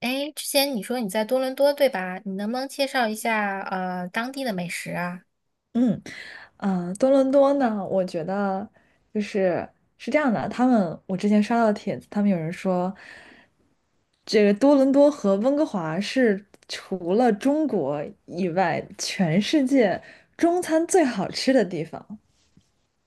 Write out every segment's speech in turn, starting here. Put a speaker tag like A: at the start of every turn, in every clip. A: 哎，之前你说你在多伦多，对吧？你能不能介绍一下当地的美食啊？
B: 嗯，多伦多呢，我觉得就是是这样的，他们我之前刷到的帖子，他们有人说，这个多伦多和温哥华是除了中国以外，全世界中餐最好吃的地方。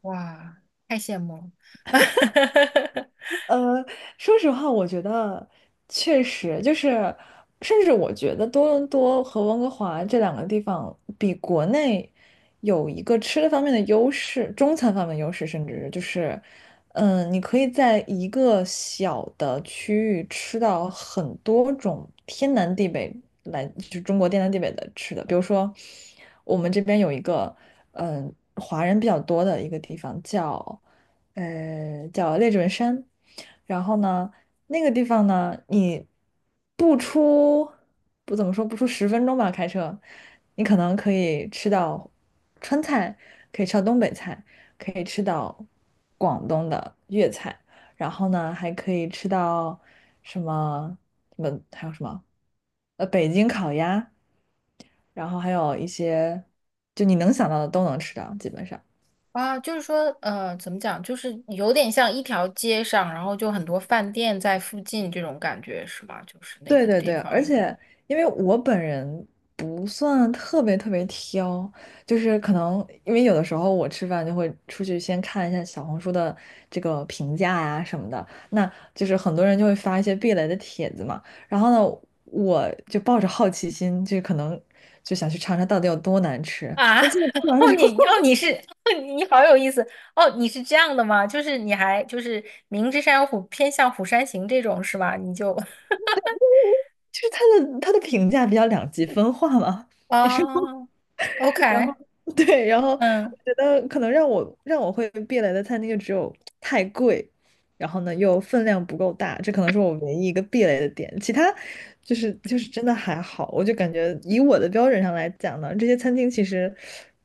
A: 哇，太羡慕了！
B: 呃，说实话，我觉得确实就是，甚至我觉得多伦多和温哥华这两个地方比国内有一个吃的方面的优势，中餐方面的优势，甚至就是，你可以在一个小的区域吃到很多种天南地北来，就是中国天南地北的吃的，比如说我们这边有一个，华人比较多的一个地方叫。叫列治文山。然后呢，那个地方呢，你不出不怎么说，不出10分钟吧，开车，你可能可以吃到川菜，可以吃到东北菜，可以吃到广东的粤菜，然后呢，还可以吃到什么什么还有什么北京烤鸭，然后还有一些就你能想到的都能吃到，基本上。
A: 啊，就是说呃，怎么讲，就是有点像一条街上，然后就很多饭店在附近这种感觉，是吗？就是那
B: 对
A: 个
B: 对
A: 地
B: 对，而
A: 方
B: 且因为我本人不算特别特别挑，就是可能因为有的时候我吃饭就会出去先看一下小红书的这个评价呀什么的，那就是很多人就会发一些避雷的帖子嘛，然后呢，我就抱着好奇心，就可能就想去尝尝到底有多难吃，
A: 啊。
B: 那最后吃完之后，
A: 你好有意思。哦，你是这样的吗？就是你还就是明知山有虎，偏向虎山行这种是吧？你就
B: 就是他的评价比较两极分化嘛。
A: 哦
B: 然后
A: ，OK，
B: 对，然后我
A: 嗯。
B: 觉得可能让我会避雷的餐厅就只有太贵，然后呢又分量不够大，这可能是我唯一一个避雷的点。其他就是真的还好，我就感觉以我的标准上来讲呢，这些餐厅其实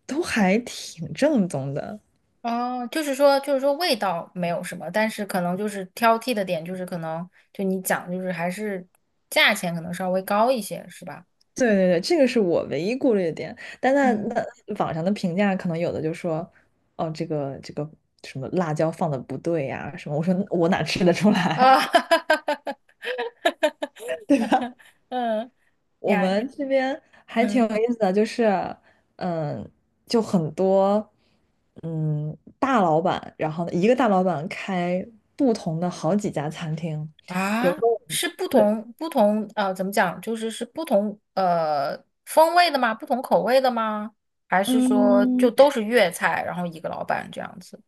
B: 都还挺正宗的。
A: 味道没有什么，但是可能就是挑剔的点，就是可能就你讲，就是还是价钱可能稍微高一些，是吧？
B: 对对对，这个是我唯一顾虑的点。但那
A: 嗯，
B: 那网上的评价可能有的就说，哦，这个什么辣椒放的不对呀、什么，我说我哪吃得出来，
A: 啊，
B: 对吧？
A: 嗯
B: 我
A: 呀，
B: 们这边还挺有
A: 嗯
B: 意思的，就是，嗯，就很多，大老板，然后呢一个大老板开不同的好几家餐厅，比如说，
A: 啊，是不
B: 对，
A: 同不同怎么讲？就是是不同风味的吗？不同口味的吗？还是说就
B: 嗯。
A: 都是粤菜，然后一个老板这样子？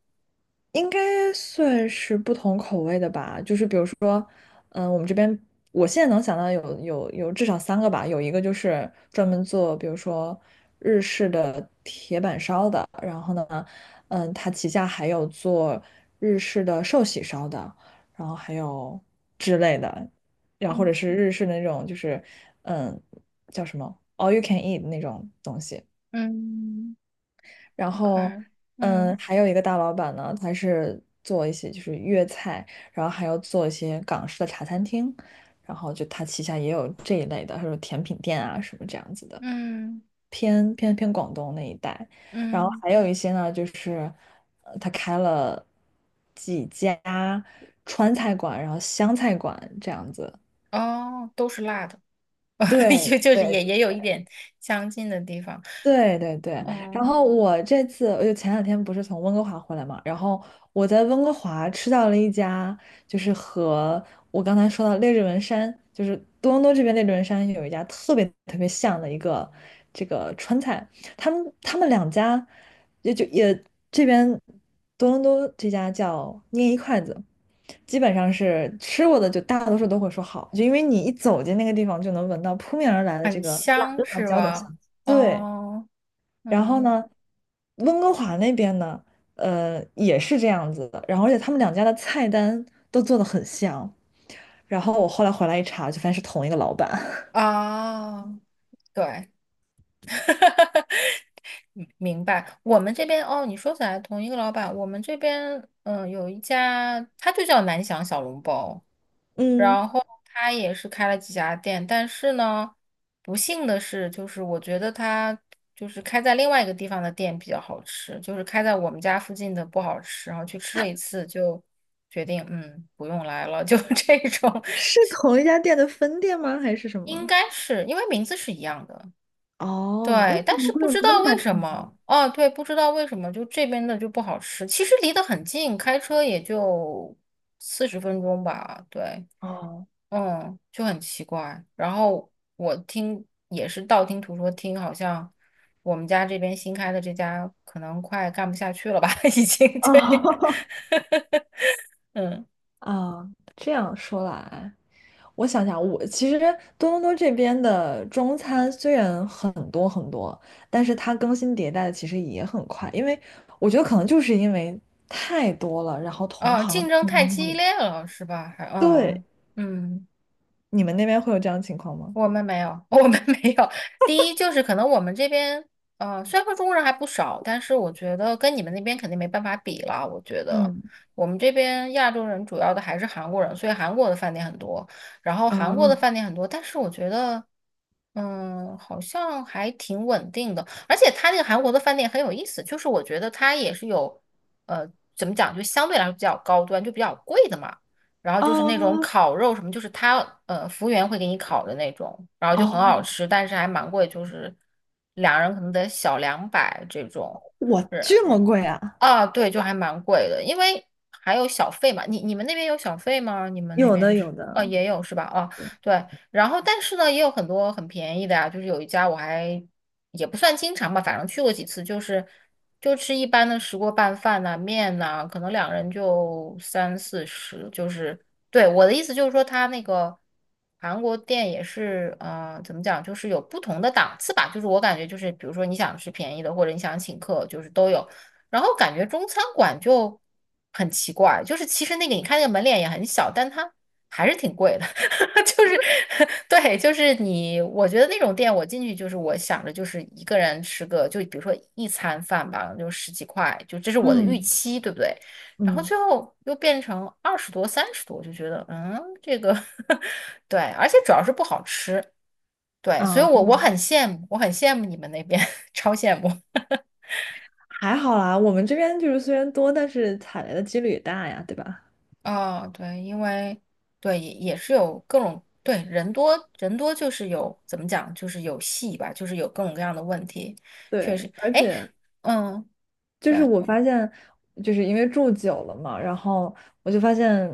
B: 应该算是不同口味的吧，就是比如说，嗯，我们这边我现在能想到有至少3个吧，有一个就是专门做，比如说日式的铁板烧的，然后呢，它旗下还有做日式的寿喜烧的，然后还有之类的，然后或
A: 嗯
B: 者是日式的那种就是，嗯，叫什么 all you can eat 那种东西。
A: 嗯
B: 然后，
A: ，OK，嗯
B: 还有一个大老板呢，他是做一些就是粤菜，然后还要做一些港式的茶餐厅，然后就他旗下也有这一类的，还有甜品店啊什么这样子的，
A: 嗯。
B: 偏广东那一带。然后
A: 嗯，
B: 还有一些呢，就是他开了几家川菜馆，然后湘菜馆这样子。
A: 哦，都是辣的，就
B: 对
A: 就是
B: 对
A: 也有一点相近的地方，
B: 对对对，嗯然
A: 嗯，
B: 后我这次我就前两天不是从温哥华回来嘛，然后我在温哥华吃到了一家，就是和我刚才说到列治文山，就是多伦多这边列治文山有一家特别特别像的一个这个川菜，他们两家也就也这边多伦多这家叫捏一筷子，基本上是吃过的就大多数都会说好，就因为你一走进那个地方就能闻到扑面而来的这
A: 很
B: 个辣
A: 香
B: 辣
A: 是
B: 椒的香
A: 吧？
B: 气，对。
A: 哦，
B: 然后
A: 嗯，
B: 呢，温哥华那边呢，也是这样子的。然后而且他们两家的菜单都做的很像。然后我后来回来一查，就发现是同一个老板。
A: 哦，对，哈，明白。我们这边，哦，你说起来同一个老板，我们这边有一家，他就叫南翔小笼包，
B: 嗯，
A: 然后他也是开了几家店，但是呢，不幸的是，就是我觉得他就是开在另外一个地方的店比较好吃，就是开在我们家附近的不好吃，然后去吃了一次就决定不用来了，就 这种，
B: 是同一家店的分店吗？还是什
A: 应
B: 么？
A: 该是因为名字是一样的。
B: 哦，那
A: 对，
B: 怎
A: 但
B: 么
A: 是
B: 会
A: 不
B: 有
A: 知
B: 那
A: 道
B: 么大
A: 为什
B: 差异？
A: 么，哦，对，不知道为什么，就这边的就不好吃。其实离得很近，开车也就40分钟吧。对，
B: 哦
A: 嗯，就很奇怪。然后我听也是道听途说听，好像我们家这边新开的这家可能快干不下去了吧，已经。对，
B: 哦
A: 嗯，
B: 啊，这样说来。我想想，我其实多伦多这边的中餐虽然很多很多，但是它更新迭代的其实也很快，因为我觉得可能就是因为太多了，然后同
A: 哦，
B: 行
A: 竞争
B: 竞
A: 太
B: 争压
A: 激
B: 力。
A: 烈了，是吧？还，
B: 对，
A: 嗯嗯。
B: 你们那边会有这样的情况吗？
A: 我们没有，我们没有。第一就是可能我们这边，呃，虽然说中国人还不少，但是我觉得跟你们那边肯定没办法比了。我觉得
B: 嗯，
A: 我们这边亚洲人主要的还是韩国人，所以韩国的饭
B: 啊
A: 店很多，但是我觉得，嗯，好像还挺稳定的。而且他那个韩国的饭店很有意思，就是我觉得它也是有，呃，怎么讲，就相对来说比较高端，就比较贵的嘛。然后就是那种
B: 啊
A: 烤肉什么，就是他服务员会给你烤的那种，然后就很好
B: 哦，
A: 吃，但是还蛮贵，就是两人可能得小200这种。
B: 我
A: 是，
B: 这么贵啊？
A: 啊，对，就还蛮贵的，因为还有小费嘛。你你们那边有小费吗？你们那
B: 有
A: 边
B: 的，
A: 吃，
B: 有的，
A: 也有是吧？啊，
B: 对，
A: 对。然后，但是呢，也有很多很便宜的呀。就是有一家我还也不算经常吧，反正去过几次，就是就吃一般的石锅拌饭呐、面呐、可能两人就30到40。我的意思就是说，他那个韩国店也是，呃，怎么讲，就是有不同的档次吧。就是我感觉就是，比如说你想吃便宜的，或者你想请客，就是都有。然后感觉中餐馆就很奇怪，就是其实那个你看那个门脸也很小，但它还是挺贵的。就是 对，就是你，我觉得那种店我进去就是我想着就是一个人吃个，就比如说一餐饭吧，就十几块，就这是我的预
B: 嗯
A: 期，对不对？然后
B: 嗯，
A: 最后又变成20多、30多，我就觉得嗯，这个 对，而且主要是不好吃。对，所以
B: 啊
A: 我很羡慕，我很羡慕你们那边，超羡慕。
B: 还好啦，我们这边就是虽然多，但是踩雷的几率也大呀，对吧？
A: 哦，对，因为对也也是有各种人多就是有怎么讲就是有戏吧，就是有各种各样的问题，确
B: 对，
A: 实，
B: 而
A: 哎，
B: 且
A: 嗯，
B: 就是
A: 对，
B: 我发现，就是因为住久了嘛，然后我就发现，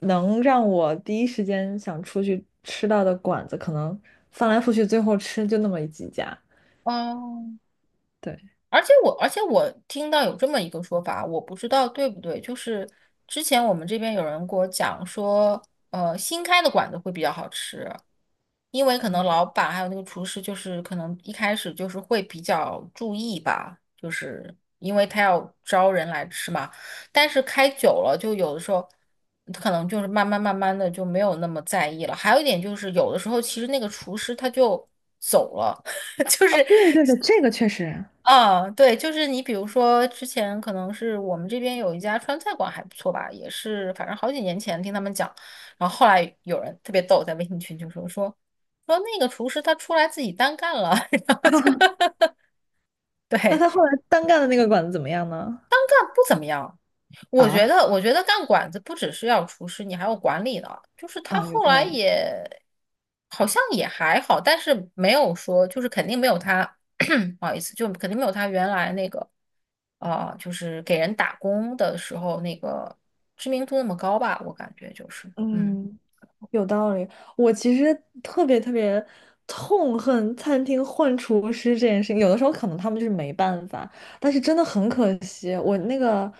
B: 能让我第一时间想出去吃到的馆子，可能翻来覆去，最后吃就那么几家。
A: 哦，
B: 对，
A: 而且我听到有这么一个说法，我不知道对不对，就是之前我们这边有人给我讲说，呃，新开的馆子会比较好吃，因为可能老板还有那个厨师，就是可能一开始就是会比较注意吧，就是因为他要招人来吃嘛。但是开久了，就有的时候可能就慢慢的就没有那么在意了。还有一点就是，有的时候其实那个厨师他就走了。就
B: 啊，
A: 是
B: 对对对，这个确实
A: 嗯，对，就是你，比如说之前可能是我们这边有一家川菜馆还不错吧，也是反正好几年前听他们讲，然后后来有人特别逗，在微信群就说那个厨师他出来自己单干了，然后就
B: 那
A: 对，
B: 他后来单干的那个馆子怎么样呢？
A: 但不怎么样。我觉
B: 啊
A: 得，我觉得干馆子不只是要厨师，你还要管理呢。就是他
B: 啊，有
A: 后
B: 道
A: 来
B: 理。
A: 也好像也还好，但是没有说，就是肯定没有他，不好意思，就肯定没有他原来那个，啊、就是给人打工的时候那个知名度那么高吧。我感觉就是，嗯。
B: 嗯，有道理。我其实特别特别痛恨餐厅换厨师这件事情，有的时候可能他们就是没办法，但是真的很可惜。我那个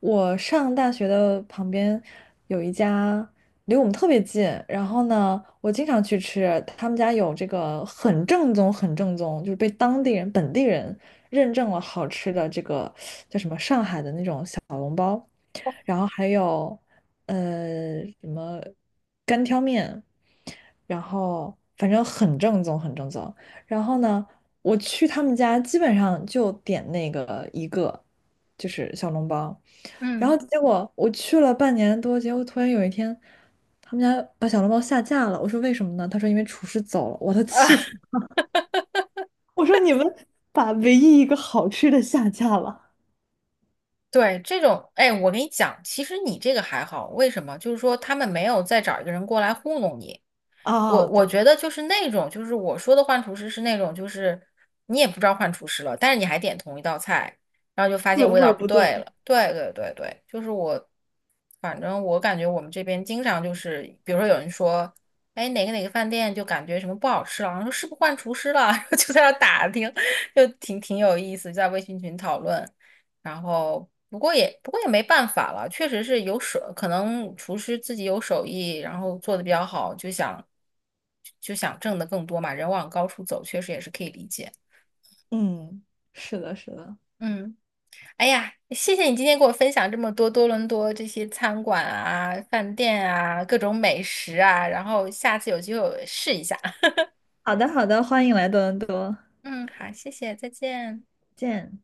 B: 我上大学的旁边有一家离我们特别近，然后呢，我经常去吃，他们家有这个很正宗、很正宗，就是被当地人、本地人认证了好吃的这个。然后还有什么干挑面，然后反正很正宗，很正宗。然后呢，我去他们家基本上就点那个一个，就是小笼包。然后
A: 嗯
B: 结果我去了半年多，结果突然有一天，他们家把小笼包下架了。我说为什么呢？他说因为厨师走了。我都
A: 啊，
B: 气死了！我说你们把唯一一个好吃的下架了，
A: 对，这种，哎，我跟你讲，其实你这个还好，为什么？就是说他们没有再找一个人过来糊弄你，我
B: 啊，
A: 我
B: 对，
A: 觉得就是那种，就是我说的换厨师是那种，就是你也不知道换厨师了，但是你还点同一道菜，然后就发现味
B: 味
A: 道
B: 儿
A: 不
B: 不
A: 对
B: 对。
A: 了。对对对对，就是我，反正我感觉我们这边经常就是，比如说有人说，哎，哪个哪个饭店就感觉什么不好吃了，然后说是不是换厨师了，然后就在那打听，就挺有意思，在微信群讨论。然后不过也没办法了，确实是有手，可能厨师自己有手艺，然后做的比较好，就想挣得更多嘛，人往高处走，确实也是可以理解。
B: 嗯，是的，是的。
A: 嗯，哎呀，谢谢你今天给我分享这么多多伦多这些餐馆啊、饭店啊、各种美食啊，然后下次有机会我试一下。
B: 好的，好的，欢迎来多伦多，
A: 嗯，好，谢谢，再见。
B: 见。